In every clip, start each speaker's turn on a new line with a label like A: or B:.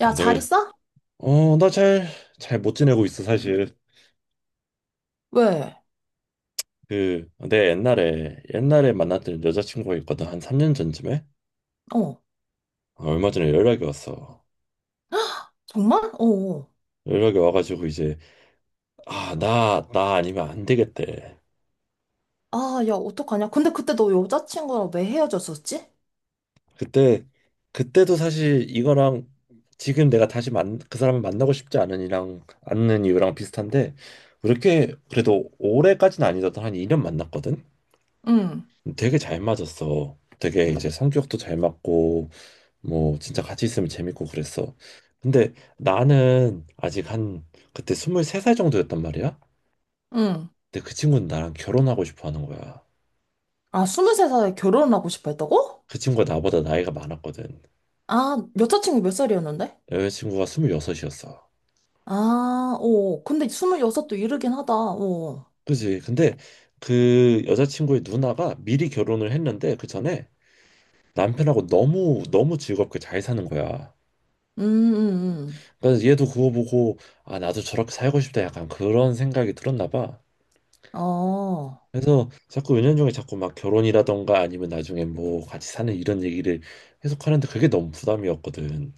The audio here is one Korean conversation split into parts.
A: 야,
B: 어,
A: 잘
B: 네.
A: 있어?
B: 나 잘 못 지내고 있어, 사실.
A: 왜?
B: 그, 내 옛날에 만났던 여자친구가 있거든. 한 3년 전쯤에?
A: 어.
B: 얼마 전에 연락이 왔어.
A: 정말? 어. 어.
B: 연락이 와가지고 이제, 아, 나 아니면 안 되겠대.
A: 아, 야, 어떡하냐? 근데 그때 너 여자친구랑 왜 헤어졌었지?
B: 그때, 그때도 사실 이거랑 지금 내가 다시 그 사람을 만나고 싶지 않은 이랑 않는 이유랑 비슷한데, 그렇게 그래도 올해까지는 아니더라도 한 2년 만났거든?
A: 응,
B: 되게 잘 맞았어. 되게 이제 성격도 잘 맞고, 뭐 진짜 같이 있으면 재밌고 그랬어. 근데 나는 아직 한 그때 23살 정도였단 말이야.
A: 응.
B: 근데 그 친구는 나랑 결혼하고 싶어 하는 거야.
A: 아, 23살에 결혼하고 싶어 했다고?
B: 그 친구가 나보다 나이가 많았거든.
A: 아, 여자친구 몇 살이었는데?
B: 여자친구가 26이었어.
A: 아, 어. 근데 26도 이르긴 하다. 어.
B: 그지? 근데 그 여자친구의 누나가 미리 결혼을 했는데 그 전에 남편하고 너무 너무 즐겁게 잘 사는 거야.
A: 음, 음,
B: 그래서 얘도 그거 보고 아 나도 저렇게 살고 싶다 약간 그런 생각이 들었나 봐.
A: 어.
B: 그래서 자꾸 은연중에 자꾸 막 결혼이라던가 아니면 나중에 뭐 같이 사는 이런 얘기를 계속 하는데 그게 너무 부담이었거든.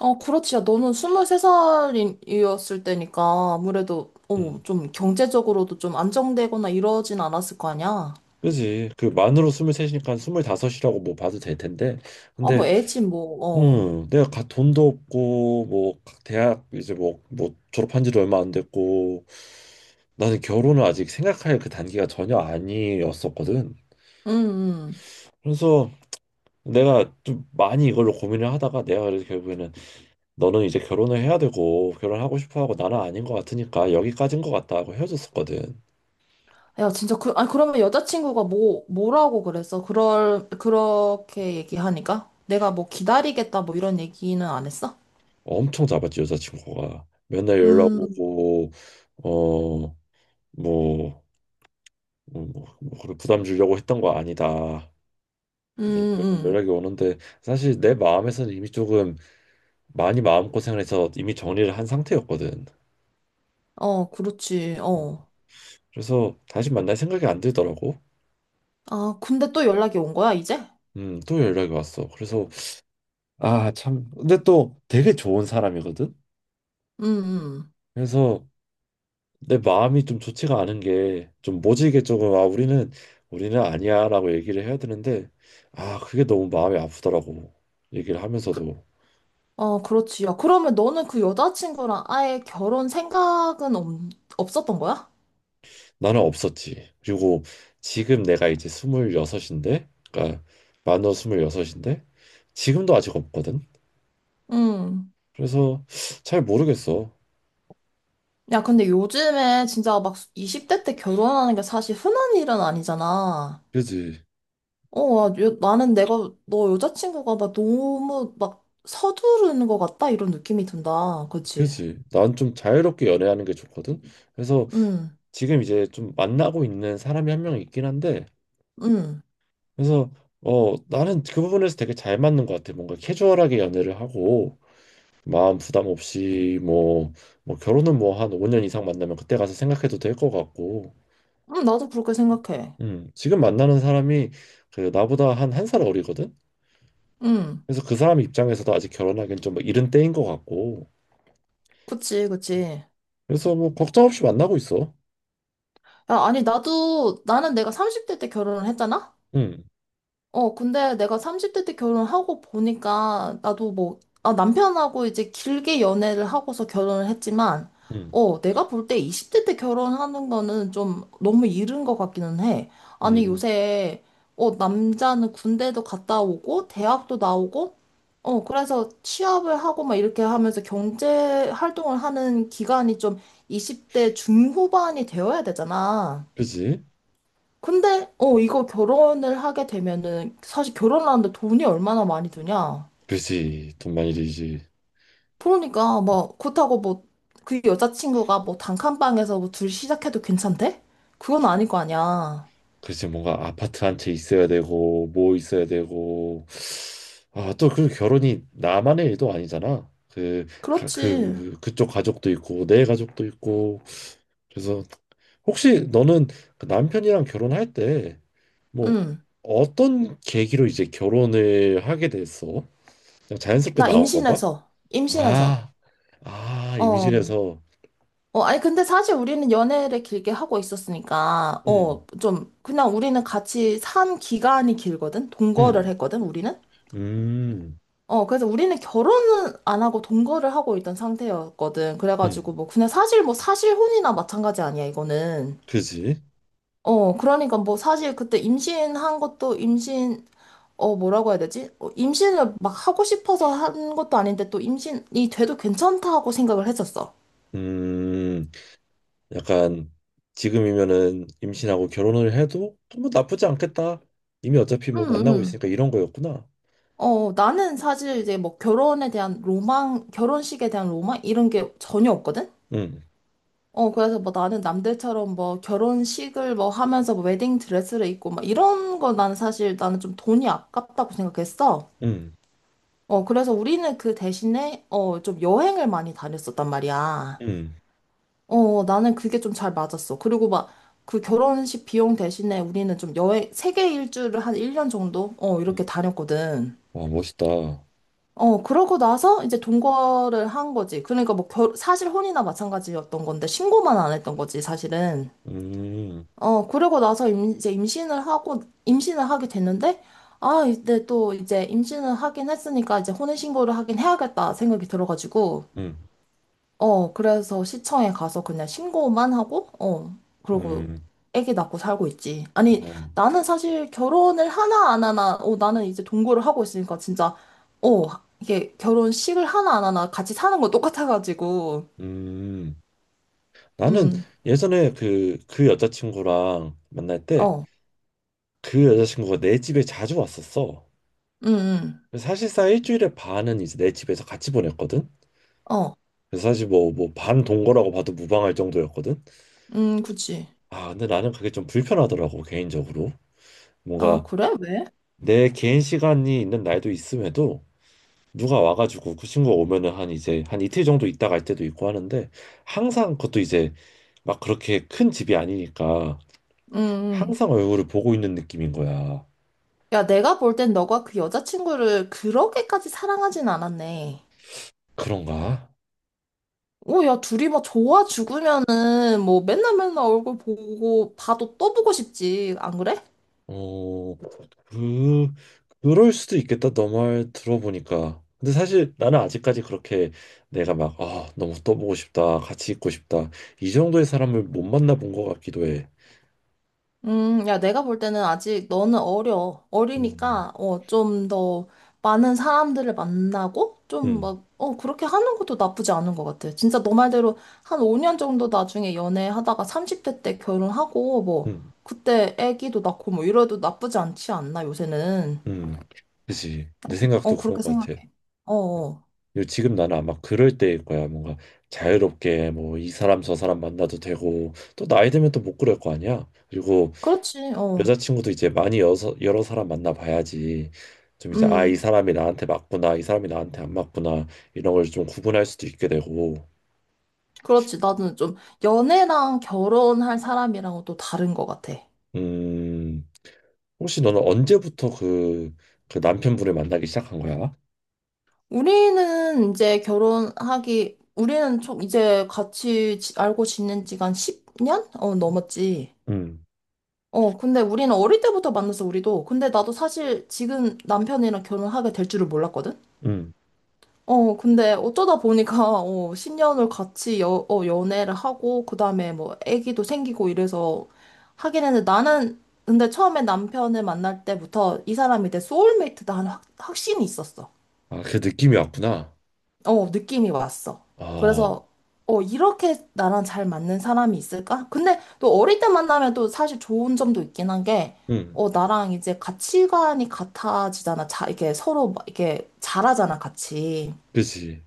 A: 어, 그렇지. 야, 너는 23살이었을 때니까 아무래도,
B: 음.
A: 좀 경제적으로도 좀 안정되거나 이러진 않았을 거 아니야?
B: 그지. 그 만으로 23이니까 25라고 뭐 봐도 될 텐데.
A: 아, 뭐,
B: 근데
A: 애지, 뭐, 어.
B: 내가 돈도 없고 뭐 각 대학 이제 뭐 졸업한 지도 얼마 안 됐고 나는 결혼을 아직 생각할 그 단계가 전혀 아니었었거든.
A: 음, 음.
B: 그래서 내가 좀 많이 이걸로 고민을 하다가 내가 그래서 결국에는 너는 이제 결혼을 해야 되고 결혼하고 싶어 하고 나는 아닌 것 같으니까 여기까지인 것 같다 하고 헤어졌었거든.
A: 야, 진짜 아니, 그러면 여자친구가 뭐라고 그랬어? 그렇게 얘기하니까? 내가 뭐 기다리겠다, 뭐 이런 얘기는 안 했어?
B: 엄청 잡았지 여자친구가. 맨날 연락
A: 음,
B: 오고 어뭐 뭐, 뭐 그런 부담 주려고 했던 거 아니다.
A: 음,
B: 이렇게
A: 음.
B: 연락이 오는데 사실 내 마음에서는 이미 조금 많이 마음고생을 해서 이미 정리를 한 상태였거든.
A: 어, 그렇지,
B: 음.
A: 어.
B: 그래서 다시 만날 생각이 안 들더라고.
A: 아, 근데 또 연락이 온 거야, 이제?
B: 또 연락이 왔어. 그래서 아, 참. 근데 또 되게 좋은 사람이거든.
A: 음, 음.
B: 그래서 내 마음이 좀 좋지가 않은 게 좀 모질게 조금 아 우리는 아니야라고 얘기를 해야 되는데 아 그게 너무 마음이 아프더라고 얘기를
A: 그,
B: 하면서도
A: 어, 그렇지. 야, 그러면 너는 그 여자친구랑 아예 결혼 생각은 없었던 거야?
B: 나는 없었지. 그리고 지금 내가 이제 26인데 그러니까 만으로 26인데 지금도 아직 없거든.
A: 음.
B: 그래서 잘 모르겠어.
A: 야, 근데 요즘에 진짜 막 20대 때 결혼하는 게 사실 흔한 일은 아니잖아.
B: 그지.
A: 어, 야, 나는 내가, 너 여자친구가 막 너무 막 서두르는 것 같다? 이런 느낌이 든다. 그치?
B: 그지. 난 좀 자유롭게 연애하는 게 좋거든. 그래서
A: 응,
B: 지금 이제 좀 만나고 있는 사람이 한 명 있긴 한데,
A: 응.
B: 그래서 나는 그 부분에서 되게 잘 맞는 것 같아. 뭔가 캐주얼하게 연애를 하고 마음 부담 없이 뭐 결혼은 뭐 한 5년 이상 만나면 그때 가서 생각해도 될 것 같고.
A: 응, 나도 그렇게 생각해.
B: 지금 만나는 사람이 그 나보다 한 한 살 어리거든.
A: 응,
B: 그래서 그 사람 입장에서도 아직 결혼하기엔 좀 이른 때인 것 같고.
A: 그치, 그치.
B: 그래서 뭐 걱정 없이 만나고 있어.
A: 야, 아니, 나도, 나는 내가 30대 때 결혼을 했잖아?
B: 음,
A: 어, 근데 내가 30대 때 결혼하고 보니까 나도 뭐, 아, 남편하고 이제 길게 연애를 하고서 결혼을 했지만,
B: 음,
A: 어, 내가 볼 때 20대 때 결혼하는 거는 좀 너무 이른 것 같기는 해. 아니,
B: 음,
A: 요새, 남자는 군대도 갔다 오고, 대학도 나오고, 어, 그래서 취업을 하고 막 이렇게 하면서 경제 활동을 하는 기간이 좀 20대 중후반이 되어야 되잖아.
B: 그지,
A: 근데 이거 결혼을 하게 되면은 사실 결혼하는데 돈이 얼마나 많이 드냐?
B: 그지. 돈 많이 들지.
A: 그러니까 뭐 그렇다고 뭐 그 여자친구가 뭐 단칸방에서 뭐 둘 시작해도 괜찮대? 그건 아닐 거 아니야.
B: 글쎄 뭔가 아파트 한 채 있어야 되고 뭐 있어야 되고 아 또 그 결혼이 나만의 일도 아니잖아
A: 그렇지.
B: 그쪽 가족도 있고 내 가족도 있고. 그래서 혹시 너는 그 남편이랑 결혼할 때 뭐
A: 응.
B: 어떤 계기로 이제 결혼을 하게 됐어? 그냥 자연스럽게
A: 나
B: 나온 건가?
A: 임신해서.
B: 아, 아
A: 어.
B: 임신해서.
A: 어 아니 근데 사실 우리는 연애를 길게 하고 있었으니까
B: 음,
A: 좀 그냥 우리는 같이 산 기간이 길거든. 동거를
B: 음,
A: 했거든 우리는.
B: 음,
A: 어, 그래서 우리는 결혼은 안 하고 동거를 하고 있던 상태였거든.
B: 음,
A: 그래가지고 뭐, 그냥 사실 뭐 사실혼이나 마찬가지 아니야, 이거는.
B: 그지?
A: 어, 그러니까 뭐 사실 그때 임신한 것도 어, 뭐라고 해야 되지? 어, 임신을 막 하고 싶어서 한 것도 아닌데 또 임신이 돼도 괜찮다고 생각을 했었어.
B: 음. 약간 지금이면은 임신하고 결혼을 해도 뭐 나쁘지 않겠다. 이미 어차피
A: 응,
B: 뭐 만나고
A: 응.
B: 있으니까 이런 거였구나.
A: 어, 나는 사실 이제 뭐 결혼에 대한 로망, 결혼식에 대한 로망? 이런 게 전혀 없거든?
B: 응.
A: 어, 그래서 뭐 나는 남들처럼 뭐 결혼식을 뭐 하면서 뭐 웨딩 드레스를 입고 막 이런 거 나는 사실 나는 좀 돈이 아깝다고 생각했어.
B: 응.
A: 어, 그래서 우리는 그 대신에 좀 여행을 많이 다녔었단 말이야.
B: 응.
A: 어, 나는 그게 좀 잘 맞았어. 그리고 막 그 결혼식 비용 대신에 우리는 좀 여행, 세계 일주를 한 1년 정도? 어,
B: 응.
A: 이렇게 다녔거든.
B: 와, 멋있다.
A: 어, 그러고 나서 이제 동거를 한 거지. 그러니까 뭐 사실 혼이나 마찬가지였던 건데 신고만 안 했던 거지, 사실은.
B: 음,
A: 어, 그러고 나서 이제 임신을 하고, 임신을 하게 됐는데, 아, 이때 또 이제 임신을 하긴 했으니까 이제 혼인신고를 하긴 해야겠다 생각이 들어가지고,
B: 음,
A: 어, 그래서 시청에 가서 그냥 신고만 하고, 그러고
B: 음,
A: 애기 낳고 살고 있지. 아니,
B: 어,
A: 나는 사실 결혼을 하나 안 하나, 나는 이제 동거를 하고 있으니까 진짜, 어, 이게 결혼식을 하나 안 하나 같이 사는 거 똑같아가지고,
B: 음. 나는
A: 음,
B: 예전에 그 여자친구랑 만날 때
A: 어,
B: 그 여자친구가 내 집에 자주 왔었어.
A: 음, 음,
B: 그래서 사실상 일주일에 반은 이제 내 집에서 같이 보냈거든.
A: 어,
B: 그래서 사실 뭐, 반 동거라고 봐도 무방할 정도였거든.
A: 그치.
B: 아, 근데 나는 그게 좀 불편하더라고, 개인적으로.
A: 아,
B: 뭔가
A: 그래? 왜?
B: 내 개인 시간이 있는 날도 있음에도 누가 와가지고 그 친구가 오면은 한 이제 한 이틀 정도 있다 갈 때도 있고 하는데 항상 그것도 이제 막 그렇게 큰 집이 아니니까
A: 음,
B: 항상 얼굴을 보고 있는 느낌인 거야.
A: 야, 내가 볼 땐 너가 그 여자친구를 그렇게까지 사랑하진 않았네.
B: 그런가?
A: 오, 야, 둘이 막 좋아 죽으면은 뭐 맨날 맨날 얼굴 보고 봐도 또 보고 싶지, 안 그래?
B: 어, 그, 그럴 수도 있겠다, 너말 들어보니까. 근데 사실 나는 아직까지 그렇게 내가 막, 아, 너무 떠보고 싶다, 같이 있고 싶다, 이 정도의 사람을 못 만나본 것 같기도 해.
A: 야, 내가 볼 때는 아직 너는 어려.
B: 음,
A: 어리니까, 좀 더 많은 사람들을 만나고, 좀
B: 음,
A: 막, 그렇게 하는 것도 나쁘지 않은 것 같아. 진짜 너 말대로 한 5년 정도 나중에 연애하다가 30대 때 결혼하고, 뭐,
B: 음,
A: 그때 애기도 낳고, 뭐, 이래도 나쁘지 않지 않나, 요새는.
B: 음. 그지. 내 생각도
A: 어,
B: 그런
A: 그렇게
B: 것 같아.
A: 생각해. 어, 어.
B: 지금 나는 아마 그럴 때일 거야. 뭔가 자유롭게 뭐 이 사람 저 사람 만나도 되고 또 나이 들면 또 못 그럴 거 아니야. 그리고
A: 그렇지, 어.
B: 여자친구도 이제 많이 여러 사람 만나 봐야지 좀 이제 아 이
A: 음,
B: 사람이 나한테 맞구나 이 사람이 나한테 안 맞구나 이런 걸 좀 구분할 수도 있게 되고.
A: 그렇지. 나는 좀 연애랑 결혼할 사람이랑은 또 다른 것 같아.
B: 음 혹시 너는 언제부터 그 남편분을 만나기 시작한 거야?
A: 우리는 좀 이제 같이 알고 지낸 지가 한 10년? 어, 넘었지.
B: 음,
A: 어, 근데 우리는 어릴 때부터 만났어 우리도. 근데 나도 사실 지금 남편이랑 결혼하게 될 줄을 몰랐거든?
B: 음.
A: 어, 근데 어쩌다 보니까, 10년을 같이 연애를 하고, 그 다음에 뭐, 애기도 생기고 이래서 하긴 했는데 나는, 근데 처음에 남편을 만날 때부터 이 사람이 내 소울메이트다 하는 확, 확신이 있었어.
B: 아, 그 느낌이 왔구나.
A: 어, 느낌이 왔어.
B: 아,
A: 그래서, 이렇게 나랑 잘 맞는 사람이 있을까? 근데 또 어릴 때 만나면 또 사실 좋은 점도 있긴 한 게,
B: 음,
A: 어, 나랑 이제 가치관이 같아지잖아. 자, 이게 서로 막 이렇게 잘하잖아, 같이.
B: 그치.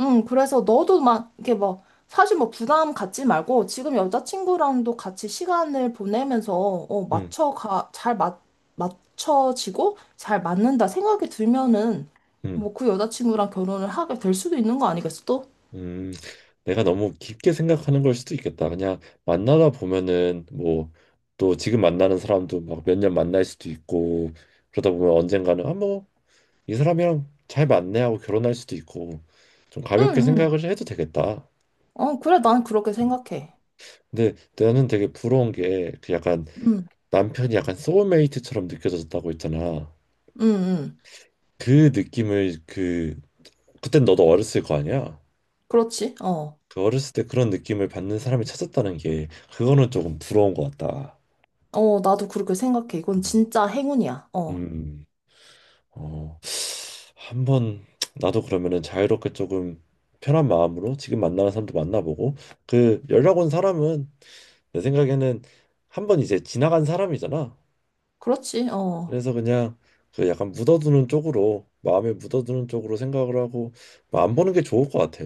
A: 응, 그래서 너도 막, 이렇게 막, 사실 뭐 부담 갖지 말고, 지금 여자친구랑도 같이 시간을 보내면서,
B: 음,
A: 맞춰지고, 잘 맞는다 생각이 들면은,
B: 음.
A: 뭐 그 여자친구랑 결혼을 하게 될 수도 있는 거 아니겠어, 또?
B: 음, 내가 너무 깊게 생각하는 걸 수도 있겠다. 그냥 만나다 보면은 뭐 또 지금 만나는 사람도 막 몇 년 만날 수도 있고 그러다 보면 언젠가는 아 뭐 이 사람이랑 잘 맞네 하고 결혼할 수도 있고 좀 가볍게
A: 응, 응.
B: 생각을 해도 되겠다.
A: 어, 그래, 난 그렇게 생각해.
B: 근데 나는 되게 부러운 게 그 약간
A: 응,
B: 남편이 약간 소울메이트처럼 느껴졌다고 했잖아.
A: 응, 응.
B: 그 느낌을 그땐 너도 어렸을 거 아니야?
A: 그렇지, 어.
B: 그 어렸을 때 그런 느낌을 받는 사람이 찾았다는 게 그거는 조금 부러운 것 같다.
A: 어, 나도 그렇게 생각해. 이건 진짜 행운이야.
B: 음,
A: 어.
B: 음. 어, 한번 나도 그러면은 자유롭게 조금 편한 마음으로 지금 만나는 사람도 만나보고 그 연락 온 사람은 내 생각에는 한 번 이제 지나간 사람이잖아.
A: 그렇지, 어.
B: 그래서 그냥 그 약간 묻어두는 쪽으로 마음에 묻어두는 쪽으로 생각을 하고 뭐안 보는 게 좋을 것 같아.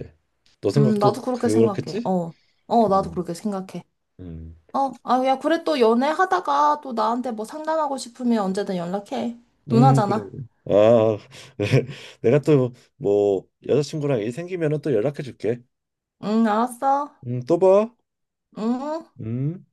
B: 너 생각도
A: 나도 그렇게 생각해.
B: 그렇겠지?
A: 어. 어, 나도
B: 음,
A: 그렇게 생각해.
B: 음,
A: 어, 아, 야, 그래 또 연애하다가 또 나한테 뭐 상담하고 싶으면 언제든 연락해.
B: 그래.
A: 누나잖아.
B: 아, 내가 또 뭐 여자친구랑 일 생기면은 또 연락해 줄게.
A: 응, 알았어.
B: 또 봐.
A: 응.
B: 음.